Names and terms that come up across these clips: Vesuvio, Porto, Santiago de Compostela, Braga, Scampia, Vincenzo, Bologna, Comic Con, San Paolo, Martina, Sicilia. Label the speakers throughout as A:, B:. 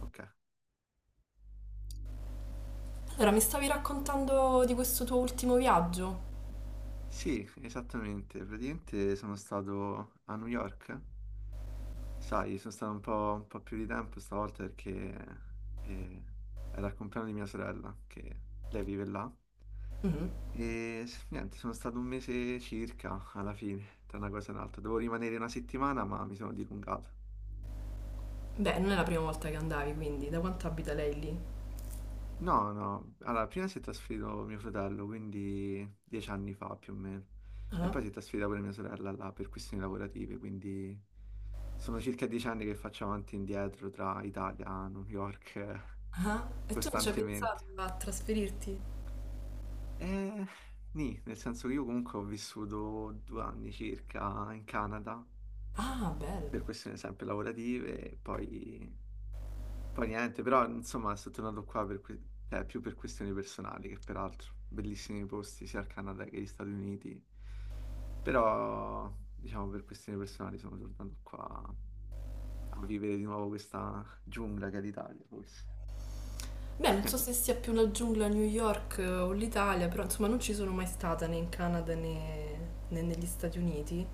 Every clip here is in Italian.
A: Ok.
B: Allora, mi stavi raccontando di questo tuo ultimo viaggio?
A: Sì, esattamente. Praticamente sono stato a New York. Sai, sono stato un po' più di tempo stavolta perché eh, era il compleanno di mia sorella, che lei vive là.
B: Mhm.
A: E niente, sono stato un mese circa alla fine, tra una cosa e un'altra. Dovevo rimanere una settimana, ma mi sono dilungato.
B: Beh, non è la prima volta che andavi, quindi da quanto abita lei lì?
A: No, no, alla prima si è trasferito mio fratello, quindi 10 anni fa più o meno, e poi
B: Ah,
A: si è trasferita pure mia sorella là per questioni lavorative, quindi sono circa 10 anni che faccio avanti e indietro tra Italia, New York,
B: ah, e tu non ci hai
A: costantemente.
B: pensato a trasferirti?
A: E nì, nel senso che io comunque ho vissuto 2 anni circa in Canada,
B: Ah,
A: per
B: bello.
A: questioni sempre lavorative, e poi niente, però insomma sono tornato qua per cioè, più per questioni personali che peraltro. Bellissimi posti sia al Canada che agli Stati Uniti. Però, diciamo, per questioni personali sono tornato qua a vivere di nuovo questa giungla che è l'Italia, forse.
B: Beh, non so se sia più la giungla a New York o l'Italia, però insomma non ci sono mai stata né in Canada né, né negli Stati Uniti.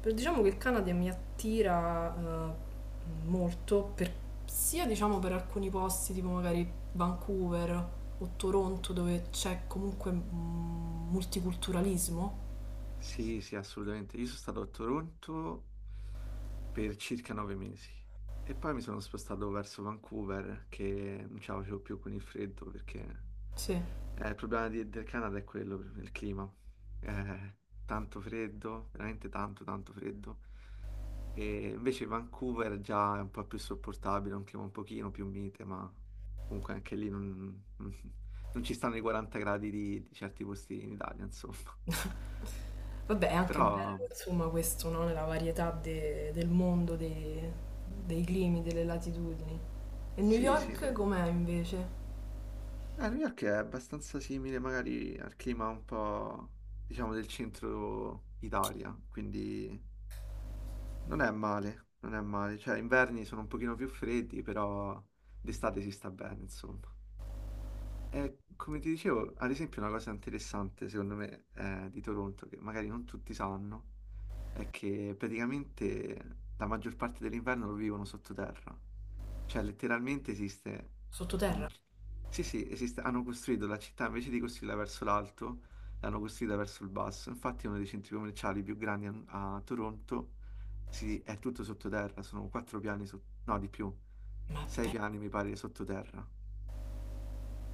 B: Però diciamo che il Canada mi attira eh, molto, sia diciamo per alcuni posti tipo magari Vancouver o Toronto dove c'è comunque multiculturalismo.
A: Sì, sì, assolutamente. Io sono stato a Toronto per circa 9 mesi e poi mi sono spostato verso Vancouver che non ce la facevo più con il freddo perché
B: Sì.
A: il problema del Canada è quello, il clima. Eh, tanto freddo, veramente tanto, tanto freddo. E invece Vancouver già è un po' più sopportabile, un clima un pochino più mite, ma comunque anche lì non, non ci stanno i 40 gradi di certi posti in Italia, insomma.
B: Vabbè, è anche
A: Però
B: bello insomma questo, no? La varietà del mondo, dei dei climi, delle latitudini. E New, sì,
A: Sì, sì.
B: York sì. Com'è invece?
A: New York è abbastanza simile magari al clima un po', diciamo, del centro Italia, quindi non è male, non è male. Cioè, inverni sono un pochino più freddi, però d'estate si sta bene, insomma. E come ti dicevo, ad esempio, una cosa interessante, secondo me, di Toronto, che magari non tutti sanno, è che praticamente la maggior parte dell'inverno lo vivono sottoterra. Cioè, letteralmente esiste un...
B: Sottoterra?
A: Sì, sì, esiste, hanno costruito la città invece di costruirla verso l'alto, l'hanno costruita verso il basso. Infatti, uno dei centri commerciali più grandi a Toronto è tutto sottoterra, sono 4 piani, no, di più,
B: Ma
A: sei
B: beh,
A: piani mi pare sottoterra.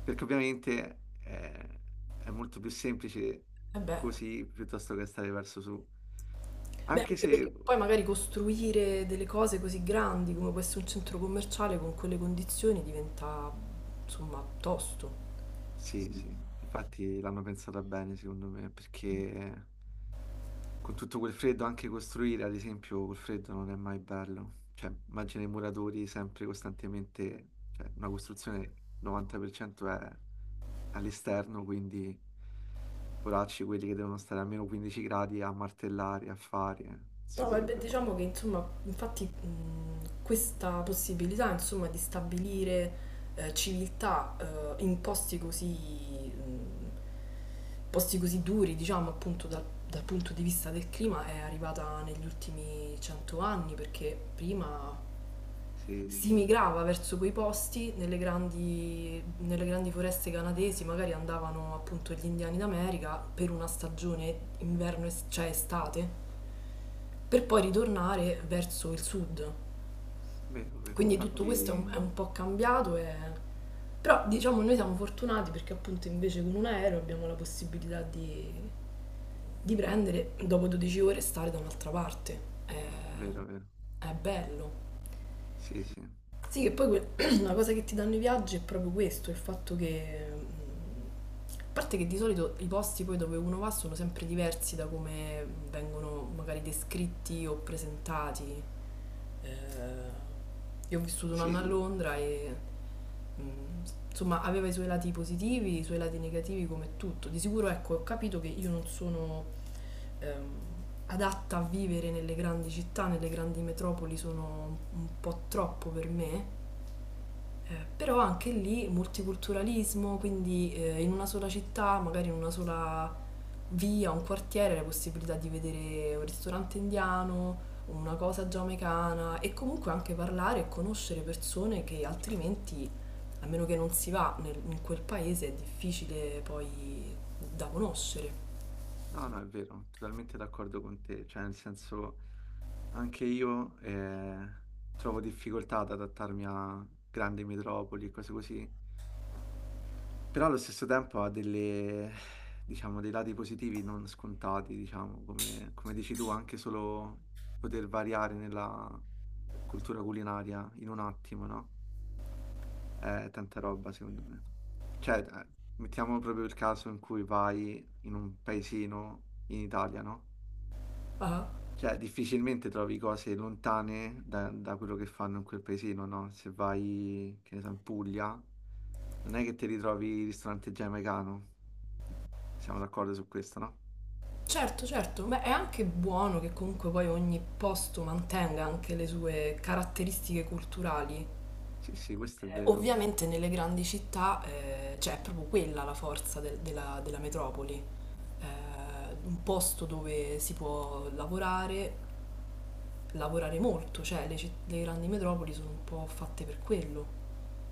A: Perché ovviamente è molto più semplice
B: eh beh,
A: così piuttosto che stare verso su.
B: beh,
A: Anche
B: anche
A: se
B: perché poi magari costruire delle cose così grandi come può essere un centro commerciale con quelle condizioni diventa, insomma, tosto.
A: Sì, sì, infatti l'hanno pensata bene secondo me, perché con tutto quel freddo anche costruire, ad esempio, col freddo non è mai bello. Cioè, immagina i muratori sempre costantemente, cioè una costruzione 90% è all'esterno, quindi poracci quelli che devono stare a meno 15 gradi a martellare, a fare, si
B: No, ma beh,
A: potrebbe fare.
B: diciamo che, insomma, infatti questa possibilità, insomma, di stabilire civiltà in mh, posti così duri, diciamo, appunto dal punto di vista del clima, è arrivata negli ultimi 100 anni, perché prima
A: Sì,
B: si
A: sì,
B: migrava verso quei posti, nelle grandi foreste canadesi magari andavano appunto gli indiani d'America per una stagione inverno, cioè estate, per poi ritornare verso il sud.
A: vero, vero,
B: Quindi tutto questo è
A: infatti,
B: un, è un po' cambiato, e però diciamo noi siamo fortunati perché appunto invece con un aereo abbiamo la possibilità di prendere, dopo 12 ore, stare da un'altra parte. È,
A: vero, vero,
B: è bello.
A: sì, sì,
B: Sì, che poi la cosa che ti danno i viaggi è proprio questo, il fatto che. A parte che di solito i posti poi dove uno va sono sempre diversi da come vengono magari descritti o presentati. Eh, io ho vissuto un anno a
A: sì,
B: Londra e mm, insomma aveva i suoi lati positivi, i suoi lati negativi come tutto. Di sicuro ecco, ho capito che io non sono ehm, adatta a vivere nelle grandi città, nelle grandi metropoli sono un po' troppo per me però anche lì multiculturalismo, quindi in una sola città, magari in una sola via, un quartiere, la possibilità di vedere un ristorante indiano, una cosa giamaicana e comunque anche parlare e conoscere persone che
A: certo.
B: altrimenti, a meno che non si va in quel paese, è difficile poi da conoscere.
A: No, no, è vero, totalmente d'accordo con te, cioè nel senso anche io trovo difficoltà ad adattarmi a grandi metropoli e cose così, però allo stesso tempo ha delle, diciamo, dei lati positivi non scontati, diciamo, come, dici tu, anche solo poter variare nella cultura culinaria in un attimo, no? È tanta roba secondo me. Cioè, mettiamo proprio il caso in cui vai in un paesino in Italia, no?
B: Ah,
A: Cioè, difficilmente trovi cose lontane da quello che fanno in quel paesino, no? Se vai, che ne so, in Puglia, non è che ti ritrovi il ristorante giamaicano. Siamo d'accordo su questo, no?
B: certo, certo, ma è anche buono che comunque poi ogni posto mantenga anche le sue caratteristiche culturali.
A: Sì, sì, questo è vero.
B: Ovviamente nelle grandi città cioè, è proprio quella la forza della metropoli. Un posto dove si può lavorare, lavorare molto, cioè le, le grandi metropoli sono un po' fatte per quello,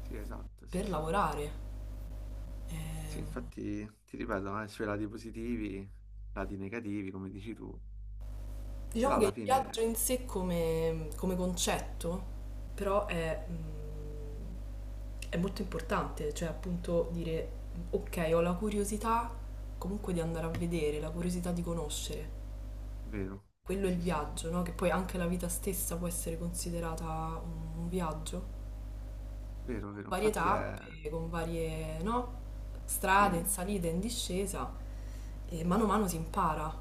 A: Sì, esatto, sì,
B: per
A: sì.
B: lavorare.
A: Sì,
B: Ehm,
A: infatti, ti ripeto, ha i suoi lati positivi, lati negativi, come dici tu. Però
B: diciamo che
A: alla
B: il
A: fine è
B: viaggio in sé come, come concetto però è molto importante, cioè appunto dire ok ho la curiosità comunque di andare a vedere, la curiosità di conoscere.
A: vero.
B: Quello è il
A: Sì, sì.
B: viaggio, no? Che poi anche la vita stessa può essere considerata un viaggio,
A: Vero,
B: con
A: vero.
B: varie
A: Infatti
B: tappe,
A: è.
B: con varie, no? Strade,
A: Sì.
B: in salita, in discesa, e mano a mano si impara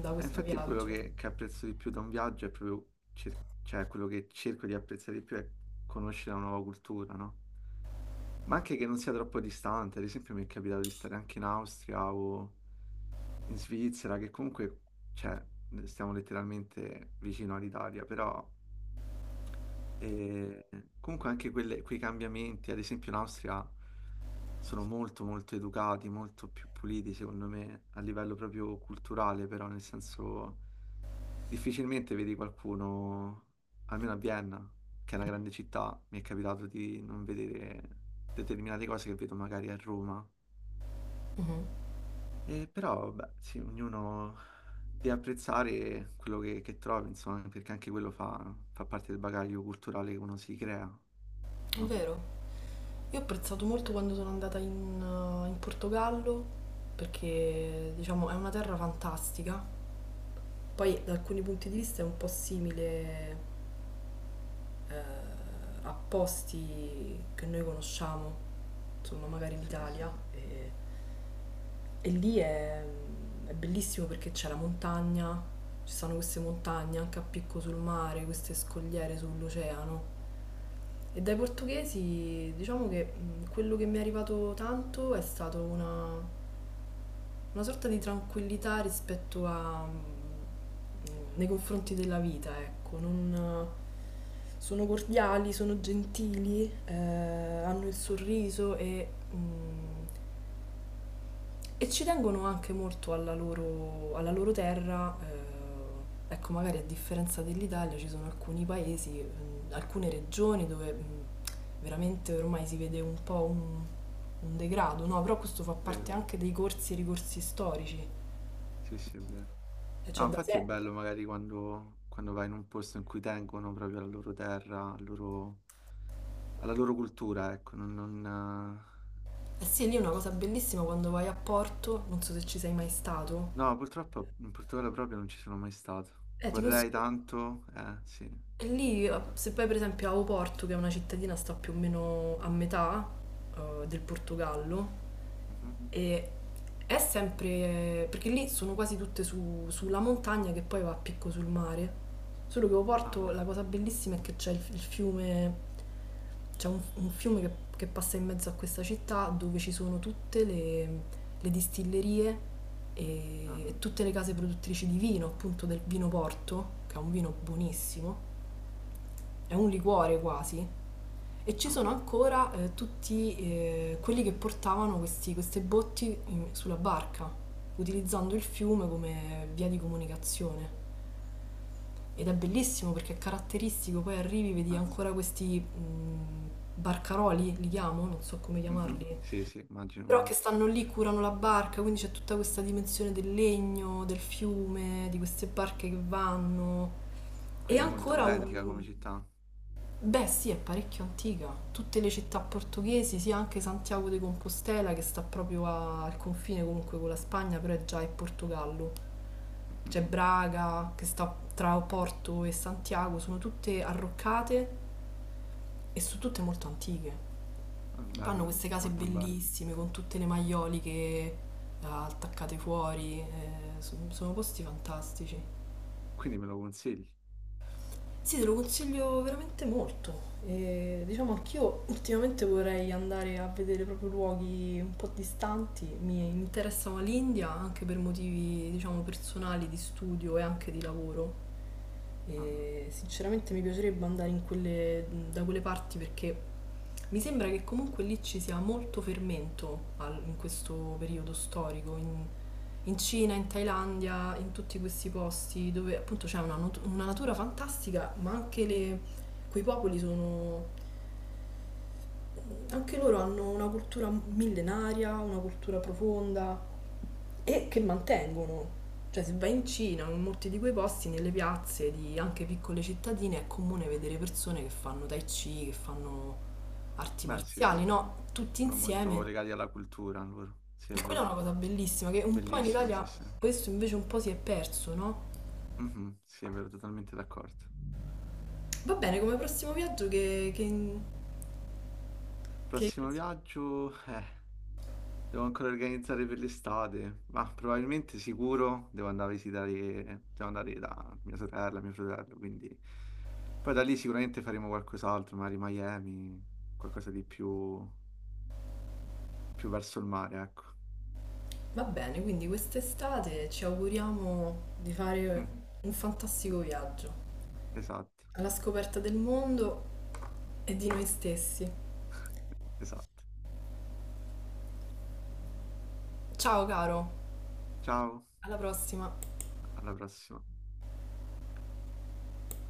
B: da
A: Eh,
B: questo
A: infatti è quello
B: viaggio.
A: che apprezzo di più da un viaggio è proprio, cioè quello che cerco di apprezzare di più è conoscere una nuova cultura, no? Ma anche che non sia troppo distante, ad esempio mi è capitato di stare anche in Austria o in Svizzera, che comunque, cioè, stiamo letteralmente vicino all'Italia, però e comunque anche quei cambiamenti, ad esempio in Austria, sono molto molto educati, molto più puliti secondo me, a livello proprio culturale, però nel senso difficilmente vedi qualcuno, almeno a Vienna, che è una grande città, mi è capitato di non vedere determinate cose che vedo magari a Roma.
B: Mhm.
A: E però, beh, sì, ognuno deve apprezzare quello che trova, insomma, perché anche quello fa, fa parte del bagaglio culturale che uno si crea,
B: È
A: no?
B: vero. Io ho apprezzato molto quando sono andata in, in Portogallo, perché diciamo è una terra fantastica. Poi da alcuni punti di vista è un po' simile a posti che noi conosciamo, insomma magari in
A: Sì, sì,
B: Italia, e lì è bellissimo perché c'è la montagna, ci sono queste montagne anche a picco sul mare, queste scogliere sull'oceano. E dai portoghesi diciamo che quello che mi è arrivato tanto è stato una sorta di tranquillità rispetto a nei confronti della vita, ecco, non sono cordiali, sono gentili, hanno il sorriso mm, e ci tengono anche molto alla loro terra. Ecco, magari a differenza dell'Italia ci sono alcuni paesi, alcune regioni dove veramente ormai si vede un po' un degrado, no? Però questo fa
A: vero,
B: parte anche dei corsi e ricorsi storici.
A: sì, sì, è vero.
B: E
A: No,
B: c'è da
A: infatti è
B: sempre.
A: bello magari quando vai in un posto in cui tengono proprio alla loro terra, alla loro cultura, ecco. Non, eh.
B: Eh sì, lì è una cosa bellissima quando vai a Porto, non so se ci sei mai stato.
A: No, purtroppo in Portogallo proprio non ci sono mai stato.
B: Ti
A: Vorrei
B: consiglio.
A: tanto, sì.
B: E lì,
A: Fa-
B: se vai per esempio a Oporto, che è una cittadina sta più o meno a metà del Portogallo,
A: Mhm.
B: e è sempre, perché lì sono quasi tutte sulla montagna che poi va a picco sul mare. Solo che
A: Ah,
B: Oporto
A: ok.
B: la cosa bellissima è che c'è il fiume, c'è un fiume che passa in mezzo a questa città dove ci sono tutte le distillerie e,
A: Ah,
B: e tutte le case produttrici di vino, appunto del vino Porto, che è un vino buonissimo, è un liquore quasi, e ci
A: ah,
B: sono ancora tutti quelli che portavano queste botti sulla barca, utilizzando il fiume come via di comunicazione. Ed è bellissimo perché è caratteristico, poi arrivi, vedi
A: mazza.
B: ancora questi barcaroli, li chiamo, non so come
A: Mhm.
B: chiamarli,
A: Sì, sì,
B: però che
A: immagino.
B: stanno lì, curano la barca, quindi c'è tutta questa dimensione del legno, del fiume, di queste barche che vanno. E
A: Quindi è molto
B: ancora
A: autentica
B: un,
A: come città.
B: beh, sì, è parecchio antica. Tutte le città portoghesi, sì, anche Santiago de Compostela che sta proprio al confine comunque con la Spagna, però è già in Portogallo.
A: Mhm.
B: C'è Braga che sta tra Porto e Santiago, sono tutte arroccate e sono tutte molto antiche.
A: Ah,
B: Hanno
A: bello,
B: queste case
A: molto bello.
B: bellissime con tutte le maioliche attaccate fuori, sono posti fantastici.
A: Quindi me lo consigli?
B: Sì, te lo consiglio veramente molto. E diciamo anch'io ultimamente vorrei andare a vedere proprio luoghi un po' distanti. Mi interessava l'India anche per motivi, diciamo, personali, di studio e anche di lavoro.
A: Ah,
B: E sinceramente mi piacerebbe andare in da quelle parti perché mi sembra che comunque lì ci sia molto fermento in questo periodo storico, in, in Cina, in Thailandia, in tutti questi posti dove appunto c'è una, una natura fantastica, ma anche quei popoli sono anche loro hanno una cultura millenaria, una cultura profonda e che mantengono. Cioè, se vai in Cina, in molti di quei posti, nelle piazze di anche piccole cittadine, è comune vedere persone che fanno tai chi, che fanno arti
A: beh, sì,
B: marziali,
A: sì.
B: no? Tutti
A: Sono molto
B: insieme.
A: legati alla cultura loro, sì è
B: E quella è
A: vero,
B: una cosa bellissima che un po' in
A: bellissimo, sì
B: Italia
A: sì,
B: questo invece un po' si è perso, no?
A: Mhm, sì è vero, totalmente d'accordo.
B: Va bene, come prossimo viaggio che.
A: Prossimo viaggio, devo ancora organizzare per l'estate, ma probabilmente sicuro devo andare a visitare, devo andare da mia sorella, mio fratello, quindi poi da lì sicuramente faremo qualcos'altro, magari Miami, qualcosa di più, più verso il mare, ecco.
B: Va bene, quindi quest'estate ci auguriamo di fare
A: Mm,
B: un fantastico viaggio
A: esatto,
B: alla scoperta del mondo e di noi stessi.
A: esatto.
B: Ciao caro,
A: Ciao,
B: alla prossima!
A: alla prossima.